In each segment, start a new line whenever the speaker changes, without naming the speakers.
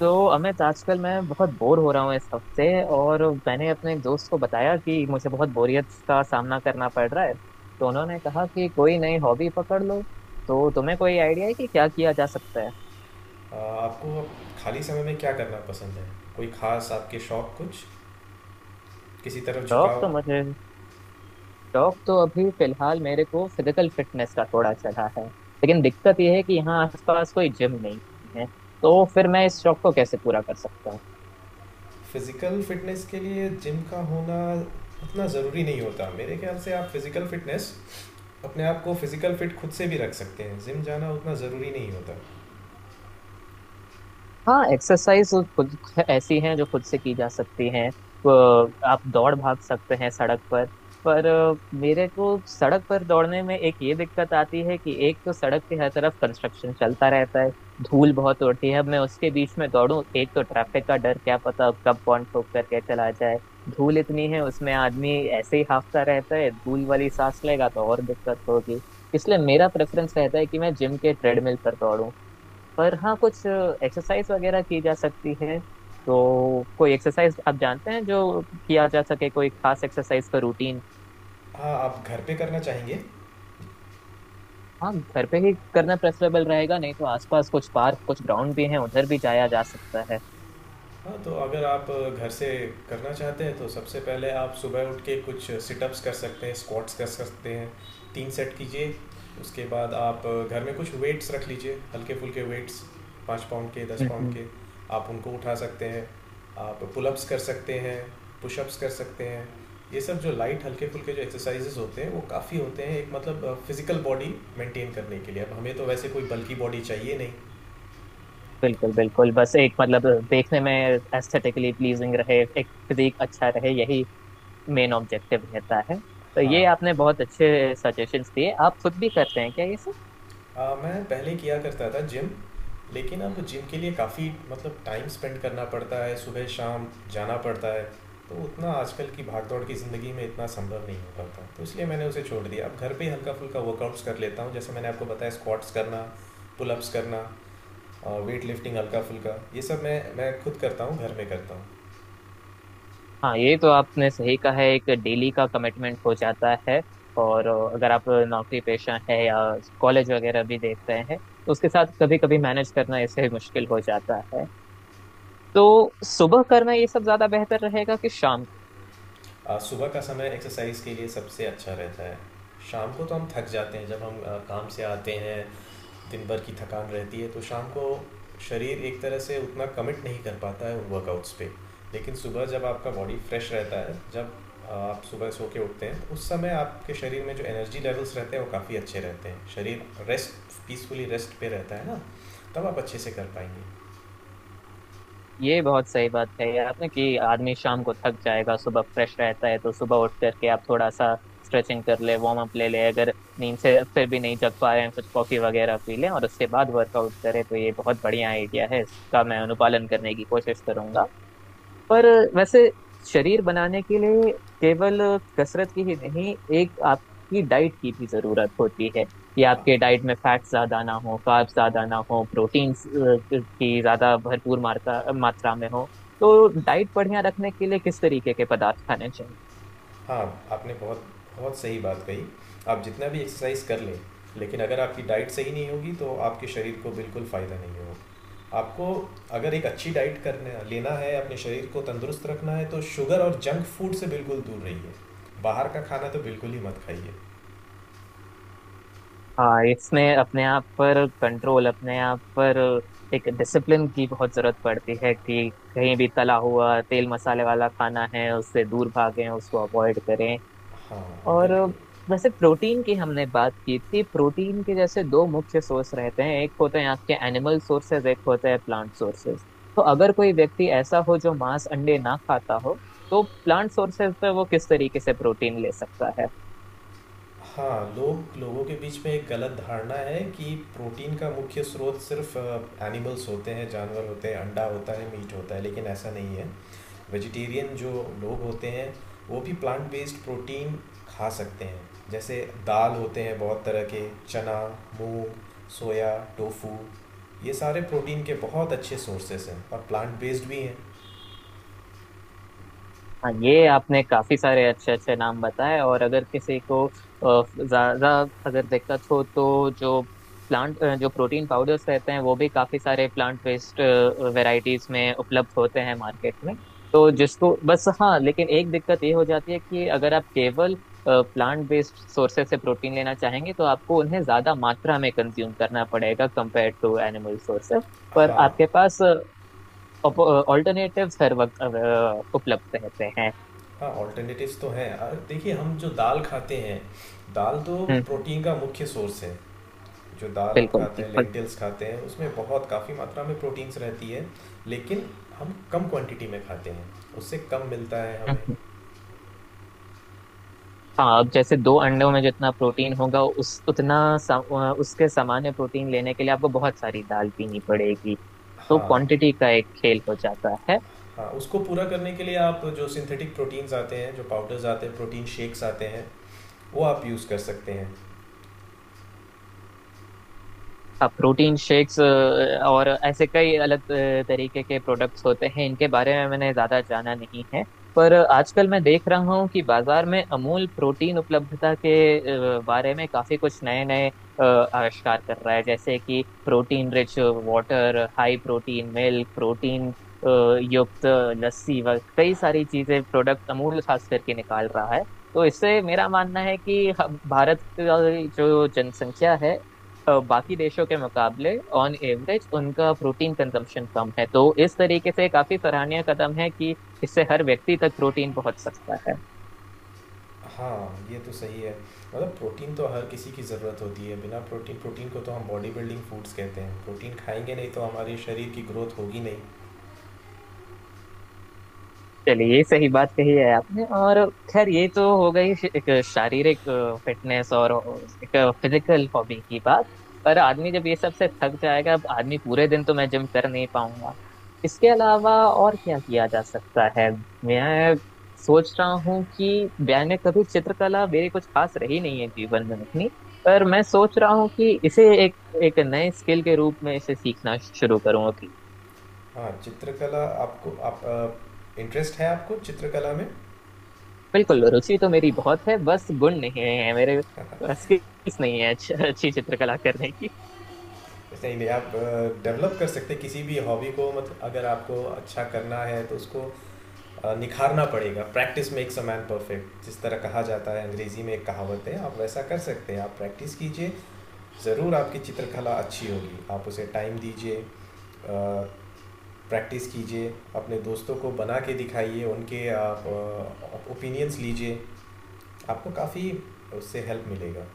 तो अमित आजकल मैं बहुत बोर हो रहा हूँ इस हफ्ते। और मैंने अपने एक दोस्त को बताया कि मुझे बहुत बोरियत का सामना करना पड़ रहा है, तो उन्होंने कहा कि कोई नई हॉबी पकड़ लो। तो तुम्हें कोई आइडिया है कि क्या किया जा सकता है?
आपको खाली समय में क्या करना पसंद है। कोई खास आपके शौक कुछ किसी तरफ
शौक
झुकाव।
तो मुझे, शौक तो अभी फिलहाल मेरे को फिजिकल फिटनेस का थोड़ा चढ़ा है, लेकिन दिक्कत यह है कि यहाँ आसपास कोई जिम नहीं है। तो फिर मैं इस शौक को कैसे पूरा कर सकता हूँ?
फिजिकल फिटनेस के लिए जिम का होना उतना ज़रूरी नहीं होता मेरे ख्याल से। आप फिजिकल फिटनेस अपने आप को फिजिकल फिट खुद से भी रख सकते हैं, जिम जाना उतना ज़रूरी नहीं होता।
हाँ, एक्सरसाइज खुद ऐसी हैं जो खुद से की जा सकती हैं। वो आप दौड़ भाग सकते हैं सड़क पर। पर मेरे को सड़क पर दौड़ने में एक ये दिक्कत आती है कि एक तो सड़क के हर तरफ कंस्ट्रक्शन चलता रहता है, धूल बहुत उड़ती है। अब मैं उसके बीच में दौड़ूं, एक तो ट्रैफिक का डर, क्या पता अब कब कौन ठोक करके चला जाए। धूल इतनी है, उसमें आदमी ऐसे ही हांफता रहता है, धूल वाली सांस लेगा तो और दिक्कत होगी। इसलिए मेरा प्रेफरेंस रहता है कि मैं जिम के ट्रेडमिल पर दौड़ूं। पर हाँ, कुछ एक्सरसाइज वगैरह की जा सकती है। तो कोई एक्सरसाइज आप जानते हैं जो किया जा सके, कोई खास एक्सरसाइज का रूटीन?
हाँ, आप घर पे करना चाहेंगे?
हाँ, घर पे ही करना प्रेफरेबल रहेगा। नहीं तो आसपास कुछ पार्क, कुछ ग्राउंड भी हैं, उधर भी जाया जा सकता है।
हाँ, तो अगर आप घर से करना चाहते हैं तो सबसे पहले आप सुबह उठ के कुछ सिटअप्स कर सकते हैं, स्क्वाट्स कर सकते हैं। 3 सेट कीजिए, उसके बाद आप घर में कुछ वेट्स रख लीजिए, हल्के-फुल्के वेट्स 5 पाउंड के, 10 पाउंड
हम्म।
के, आप उनको उठा सकते हैं। आप पुलअप्स कर सकते हैं, पुशअप्स कर सकते हैं। ये सब जो लाइट हल्के-फुल्के जो एक्सरसाइजेज़ होते हैं, वो काफ़ी होते हैं एक मतलब फिज़िकल बॉडी मेंटेन करने के लिए। अब हमें तो वैसे कोई बल्की बॉडी चाहिए नहीं।
बिल्कुल बिल्कुल, बस एक मतलब देखने में एस्थेटिकली प्लीजिंग रहे, एक फिजिक अच्छा रहे, यही मेन ऑब्जेक्टिव रहता है। तो ये
हाँ।
आपने बहुत अच्छे सजेशंस दिए। आप खुद भी करते हैं क्या ये सब?
मैं पहले किया करता था जिम, लेकिन अब जिम के लिए काफ़ी मतलब टाइम स्पेंड करना पड़ता है, सुबह शाम जाना पड़ता है। तो उतना आजकल की भागदौड़ की ज़िंदगी में इतना संभव नहीं हो पाता, तो इसलिए मैंने उसे छोड़ दिया। अब घर पे ही हल्का फुल्का वर्कआउट्स कर लेता हूँ, जैसे मैंने आपको बताया स्क्वाट्स करना, पुलअप्स करना, वेट लिफ्टिंग हल्का फुल्का, ये सब मैं खुद करता हूँ, घर में करता हूँ।
हाँ, ये तो आपने सही कहा है, एक डेली का कमिटमेंट हो जाता है। और अगर आप नौकरी पेशा है या कॉलेज वगैरह भी देख रहे हैं तो उसके साथ कभी कभी मैनेज करना ऐसे मुश्किल हो जाता है। तो सुबह करना ये सब ज्यादा बेहतर रहेगा कि शाम?
सुबह का समय एक्सरसाइज के लिए सबसे अच्छा रहता है। शाम को तो हम थक जाते हैं जब हम काम से आते हैं, दिन भर की थकान रहती है, तो शाम को शरीर एक तरह से उतना कमिट नहीं कर पाता है उन वर्कआउट्स पे। लेकिन सुबह जब आपका बॉडी फ्रेश रहता है, जब आप सुबह सो के उठते हैं, तो उस समय आपके शरीर में जो एनर्जी लेवल्स रहते हैं वो काफ़ी अच्छे रहते हैं। शरीर रेस्ट पीसफुली रेस्ट पे रहता है ना, तब आप अच्छे से कर पाएंगे।
ये बहुत सही बात कही आपने कि आदमी शाम को थक जाएगा, सुबह फ्रेश रहता है। तो सुबह उठ करके आप थोड़ा सा स्ट्रेचिंग कर ले, वार्म अप ले ले, अगर नींद से फिर भी नहीं जग पा रहे हैं कुछ कॉफी वगैरह पी लें, और उसके बाद वर्कआउट करें तो ये बहुत बढ़िया आइडिया है। इसका मैं अनुपालन करने की कोशिश करूंगा। पर वैसे शरीर बनाने के लिए केवल कसरत की ही नहीं, एक आपकी डाइट की भी जरूरत होती है, कि
हाँ।
आपके डाइट में फैट्स ज्यादा ना हो, कार्ब्स ज्यादा ना हो, प्रोटीन्स की ज्यादा भरपूर मात्रा मात्रा में हो। तो डाइट बढ़िया रखने के लिए किस तरीके के पदार्थ खाने चाहिए?
हाँ, आपने बहुत बहुत सही बात कही। आप जितना भी एक्सरसाइज कर लें, लेकिन अगर आपकी डाइट सही नहीं होगी तो आपके शरीर को बिल्कुल फ़ायदा नहीं होगा। आपको अगर एक अच्छी डाइट करना लेना है, अपने शरीर को तंदुरुस्त रखना है, तो शुगर और जंक फूड से बिल्कुल दूर रहिए। बाहर का खाना तो बिल्कुल ही मत खाइए।
हाँ, इसमें अपने आप पर कंट्रोल, अपने आप पर एक डिसिप्लिन की बहुत जरूरत पड़ती है, कि कहीं भी तला हुआ तेल मसाले वाला खाना है उससे दूर भागें, उसको अवॉइड करें।
हाँ
और
बिल्कुल।
वैसे प्रोटीन की हमने बात की थी, प्रोटीन के जैसे दो मुख्य सोर्स रहते हैं, एक होते हैं आपके एनिमल सोर्सेज, एक होते हैं प्लांट सोर्सेज। तो अगर कोई व्यक्ति ऐसा हो जो मांस अंडे ना खाता हो, तो प्लांट सोर्सेज पे वो किस तरीके से प्रोटीन ले सकता है?
हाँ, लोग लोगों के बीच में एक गलत धारणा है कि प्रोटीन का मुख्य स्रोत सिर्फ एनिमल्स होते हैं, जानवर होते हैं, अंडा होता है, मीट होता है, लेकिन ऐसा नहीं है। वेजिटेरियन जो लोग होते हैं, वो भी प्लांट बेस्ड प्रोटीन खा सकते हैं। जैसे दाल होते हैं बहुत तरह के, चना, मूंग, सोया, टोफू, ये सारे प्रोटीन के बहुत अच्छे सोर्सेस हैं और प्लांट बेस्ड भी हैं।
हाँ, ये आपने काफी सारे अच्छे अच्छे नाम बताए। और अगर किसी को ज्यादा अगर दिक्कत हो तो जो प्लांट, जो प्रोटीन पाउडर्स रहते हैं, वो भी काफी सारे प्लांट बेस्ड वैरायटीज में उपलब्ध होते हैं मार्केट में। तो जिसको बस, हाँ लेकिन एक दिक्कत ये हो जाती है कि अगर आप केवल प्लांट बेस्ड सोर्सेज से प्रोटीन लेना चाहेंगे तो आपको उन्हें ज्यादा मात्रा में कंज्यूम करना पड़ेगा कंपेयर टू एनिमल सोर्सेज। पर
हाँ।
आपके पास ऑल्टरनेटिव्स हर वक्त उपलब्ध रहते हैं।
हाँ, ऑल्टरनेटिव्स तो हैं। और देखिए, हम जो दाल खाते हैं, दाल तो
हम्म।
प्रोटीन का मुख्य सोर्स है। जो दाल हम
बिल्कुल
खाते हैं,
बिल्कुल।
लेंटिल्स खाते हैं, उसमें बहुत काफ़ी मात्रा में प्रोटीन्स रहती है। लेकिन हम कम क्वांटिटी में खाते हैं, उससे कम मिलता है हमें।
हम्म। हाँ, अब जैसे दो अंडों में जितना प्रोटीन होगा उस उतना उसके सामान्य प्रोटीन लेने के लिए आपको बहुत सारी दाल पीनी पड़ेगी। तो
हाँ।
क्वांटिटी का एक खेल हो जाता है।
हाँ, उसको पूरा करने के लिए आप जो सिंथेटिक प्रोटीन्स आते हैं, जो पाउडर्स आते हैं, प्रोटीन शेक्स आते हैं, वो आप यूज़ कर सकते हैं।
अब प्रोटीन शेक्स और ऐसे कई अलग तरीके के प्रोडक्ट्स होते हैं, इनके बारे में मैंने ज़्यादा जाना नहीं है। पर आजकल मैं देख रहा हूँ कि बाजार में अमूल प्रोटीन उपलब्धता के बारे में काफ़ी कुछ नए नए आविष्कार कर रहा है, जैसे कि protein rich water, high protein milk, protein युक्त लस्सी व कई सारी चीज़ें प्रोडक्ट अमूल खास करके निकाल रहा है। तो इससे मेरा मानना है कि भारत का जो जनसंख्या है, बाकी देशों के मुकाबले ऑन एवरेज उनका प्रोटीन कंजम्पशन कम है, तो इस तरीके से काफी सराहनीय कदम है कि इससे हर व्यक्ति तक प्रोटीन पहुंच सकता है।
हाँ, ये तो सही है। मतलब प्रोटीन तो हर किसी की ज़रूरत होती है। बिना प्रोटीन प्रोटीन को तो हम बॉडी बिल्डिंग फूड्स कहते हैं, प्रोटीन खाएंगे नहीं तो हमारे शरीर की ग्रोथ होगी नहीं।
चलिए, सही बात कही है आपने। और खैर, ये तो हो गई एक शारीरिक फिटनेस और एक फिजिकल हॉबी की बात। पर आदमी जब ये सब से थक जाएगा, अब आदमी पूरे दिन तो मैं जिम कर नहीं पाऊंगा, इसके अलावा और क्या किया जा सकता है? मैं सोच रहा हूँ कि मैंने कभी चित्रकला मेरी कुछ खास रही नहीं है जीवन में अपनी। पर मैं सोच रहा हूँ कि इसे एक, एक नए स्किल के रूप में इसे सीखना शुरू करूँ अभी।
हाँ, चित्रकला, आपको आप इंटरेस्ट है आपको चित्रकला में?
बिल्कुल, रुचि तो मेरी बहुत है, बस गुण नहीं है मेरे, बस skills नहीं है अच्छी अच्छी चित्रकला करने की।
नहीं नहीं, आप डेवलप कर सकते हैं किसी भी हॉबी को। मतलब अगर आपको अच्छा करना है तो उसको निखारना पड़ेगा। Practice makes a man perfect, जिस तरह कहा जाता है अंग्रेजी में एक कहावत है। आप वैसा कर सकते हैं, आप प्रैक्टिस कीजिए, ज़रूर आपकी चित्रकला अच्छी होगी। आप उसे टाइम दीजिए, प्रैक्टिस कीजिए, अपने दोस्तों को बना के दिखाइए, उनके आप ओपिनियंस लीजिए, आपको काफ़ी उससे हेल्प मिलेगा।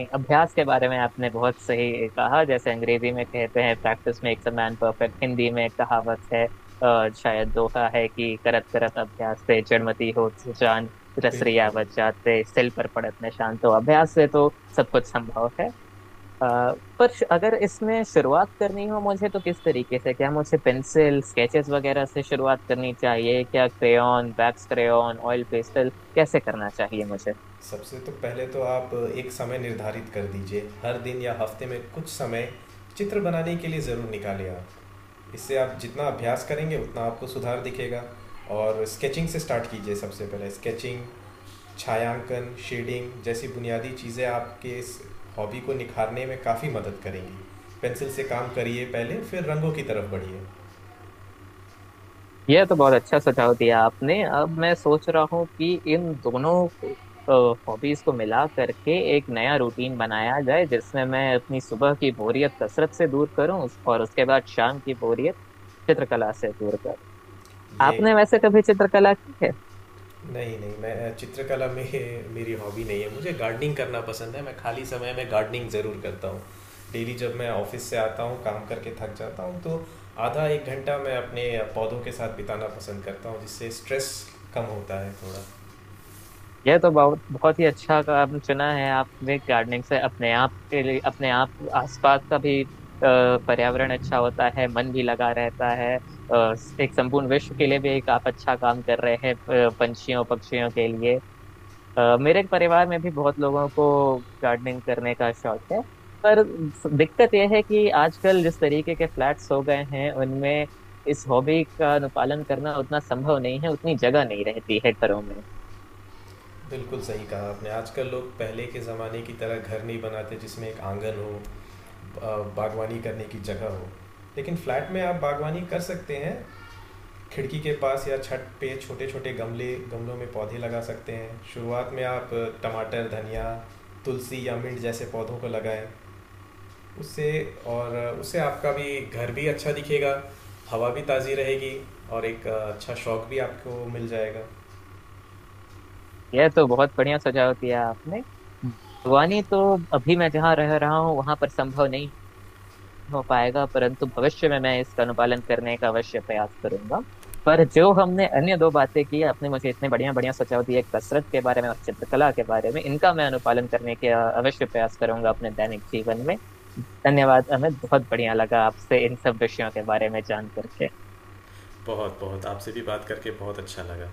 नहीं, अभ्यास के बारे में आपने बहुत सही कहा। जैसे अंग्रेजी में कहते हैं practice makes a man perfect, Hindi में एक कहावत है, शायद दोहा है कि करत करत अभ्यास ते जड़मति होत जान, रस
बिल्कुल।
रियावत जात ते सिल पर पड़त निशान। तो अभ्यास से तो सब कुछ संभव है। अ, पर अगर इसमें शुरुआत करनी हो मुझे तो किस तरीके से, क्या मुझे पेंसिल स्केचेस वगैरह से शुरुआत करनी चाहिए, क्या crayon, wax crayon, oil pastel, कैसे करना चाहिए मुझे?
सबसे तो पहले तो आप एक समय निर्धारित कर दीजिए, हर दिन या हफ्ते में कुछ समय चित्र बनाने के लिए ज़रूर निकालिए। आप इससे, आप जितना अभ्यास करेंगे उतना आपको सुधार दिखेगा। और स्केचिंग से स्टार्ट कीजिए, सबसे पहले स्केचिंग, छायांकन, शेडिंग जैसी बुनियादी चीज़ें आपके इस हॉबी को निखारने में काफ़ी मदद करेंगी। पेंसिल से काम करिए पहले, फिर रंगों की तरफ बढ़िए।
यह तो बहुत अच्छा सुझाव दिया आपने। अब मैं सोच रहा हूँ कि इन दोनों हॉबीज को मिला करके एक नया रूटीन बनाया जाए, जिसमें मैं अपनी सुबह की बोरियत कसरत से दूर करूं, और उसके बाद शाम की बोरियत चित्रकला से दूर करूं।
ये,
आपने वैसे कभी चित्रकला की है?
नहीं नहीं, मैं चित्रकला में मेरी हॉबी नहीं है, मुझे गार्डनिंग करना पसंद है। मैं खाली समय में गार्डनिंग ज़रूर करता हूँ। डेली जब मैं ऑफिस से आता हूँ काम करके थक जाता हूँ, तो आधा एक घंटा मैं अपने पौधों के साथ बिताना पसंद करता हूँ, जिससे स्ट्रेस कम होता है थोड़ा।
यह तो बहुत बहुत ही अच्छा काम चुना है आपने, गार्डनिंग से अपने आप के लिए, अपने आप आसपास का भी पर्यावरण अच्छा होता है, मन भी लगा रहता है, एक संपूर्ण विश्व के लिए भी एक आप अच्छा काम कर रहे हैं, पंछियों पक्षियों के लिए। मेरे परिवार में भी बहुत लोगों को गार्डनिंग करने का शौक है। पर दिक्कत यह है कि आजकल जिस तरीके के फ्लैट्स हो गए हैं उनमें इस हॉबी का अनुपालन करना उतना संभव नहीं है, उतनी जगह नहीं रहती है घरों में।
बिल्कुल सही कहा आपने। आजकल लोग पहले के ज़माने की तरह घर नहीं बनाते जिसमें एक आंगन हो, अ, बागवानी करने की जगह हो। लेकिन फ्लैट में आप बागवानी कर सकते हैं, खिड़की के पास या छत पे छोटे छोटे गमले गमलों में पौधे लगा सकते हैं। शुरुआत में आप टमाटर, धनिया, तुलसी या मिंट जैसे पौधों को लगाएं। उससे, और उससे आपका भी घर भी अच्छा दिखेगा, हवा भी ताज़ी रहेगी, और एक अच्छा शौक भी आपको मिल जाएगा।
यह तो बहुत बढ़िया सुझाव दिया आपने। बागवानी तो अभी मैं जहाँ रह रहा हूँ वहां पर संभव नहीं हो पाएगा, परंतु भविष्य में मैं इसका अनुपालन करने का अवश्य प्रयास करूंगा। पर जो हमने अन्य दो बातें की, आपने मुझे इतने बढ़िया बढ़िया सुझाव दिए कसरत के बारे में और चित्रकला के बारे में, इनका मैं अनुपालन करने के अवश्य प्रयास करूंगा अपने दैनिक जीवन में। धन्यवाद, हमें बहुत बढ़िया लगा आपसे इन सब विषयों के बारे में जान करके।
बहुत बहुत आपसे भी बात करके बहुत अच्छा लगा।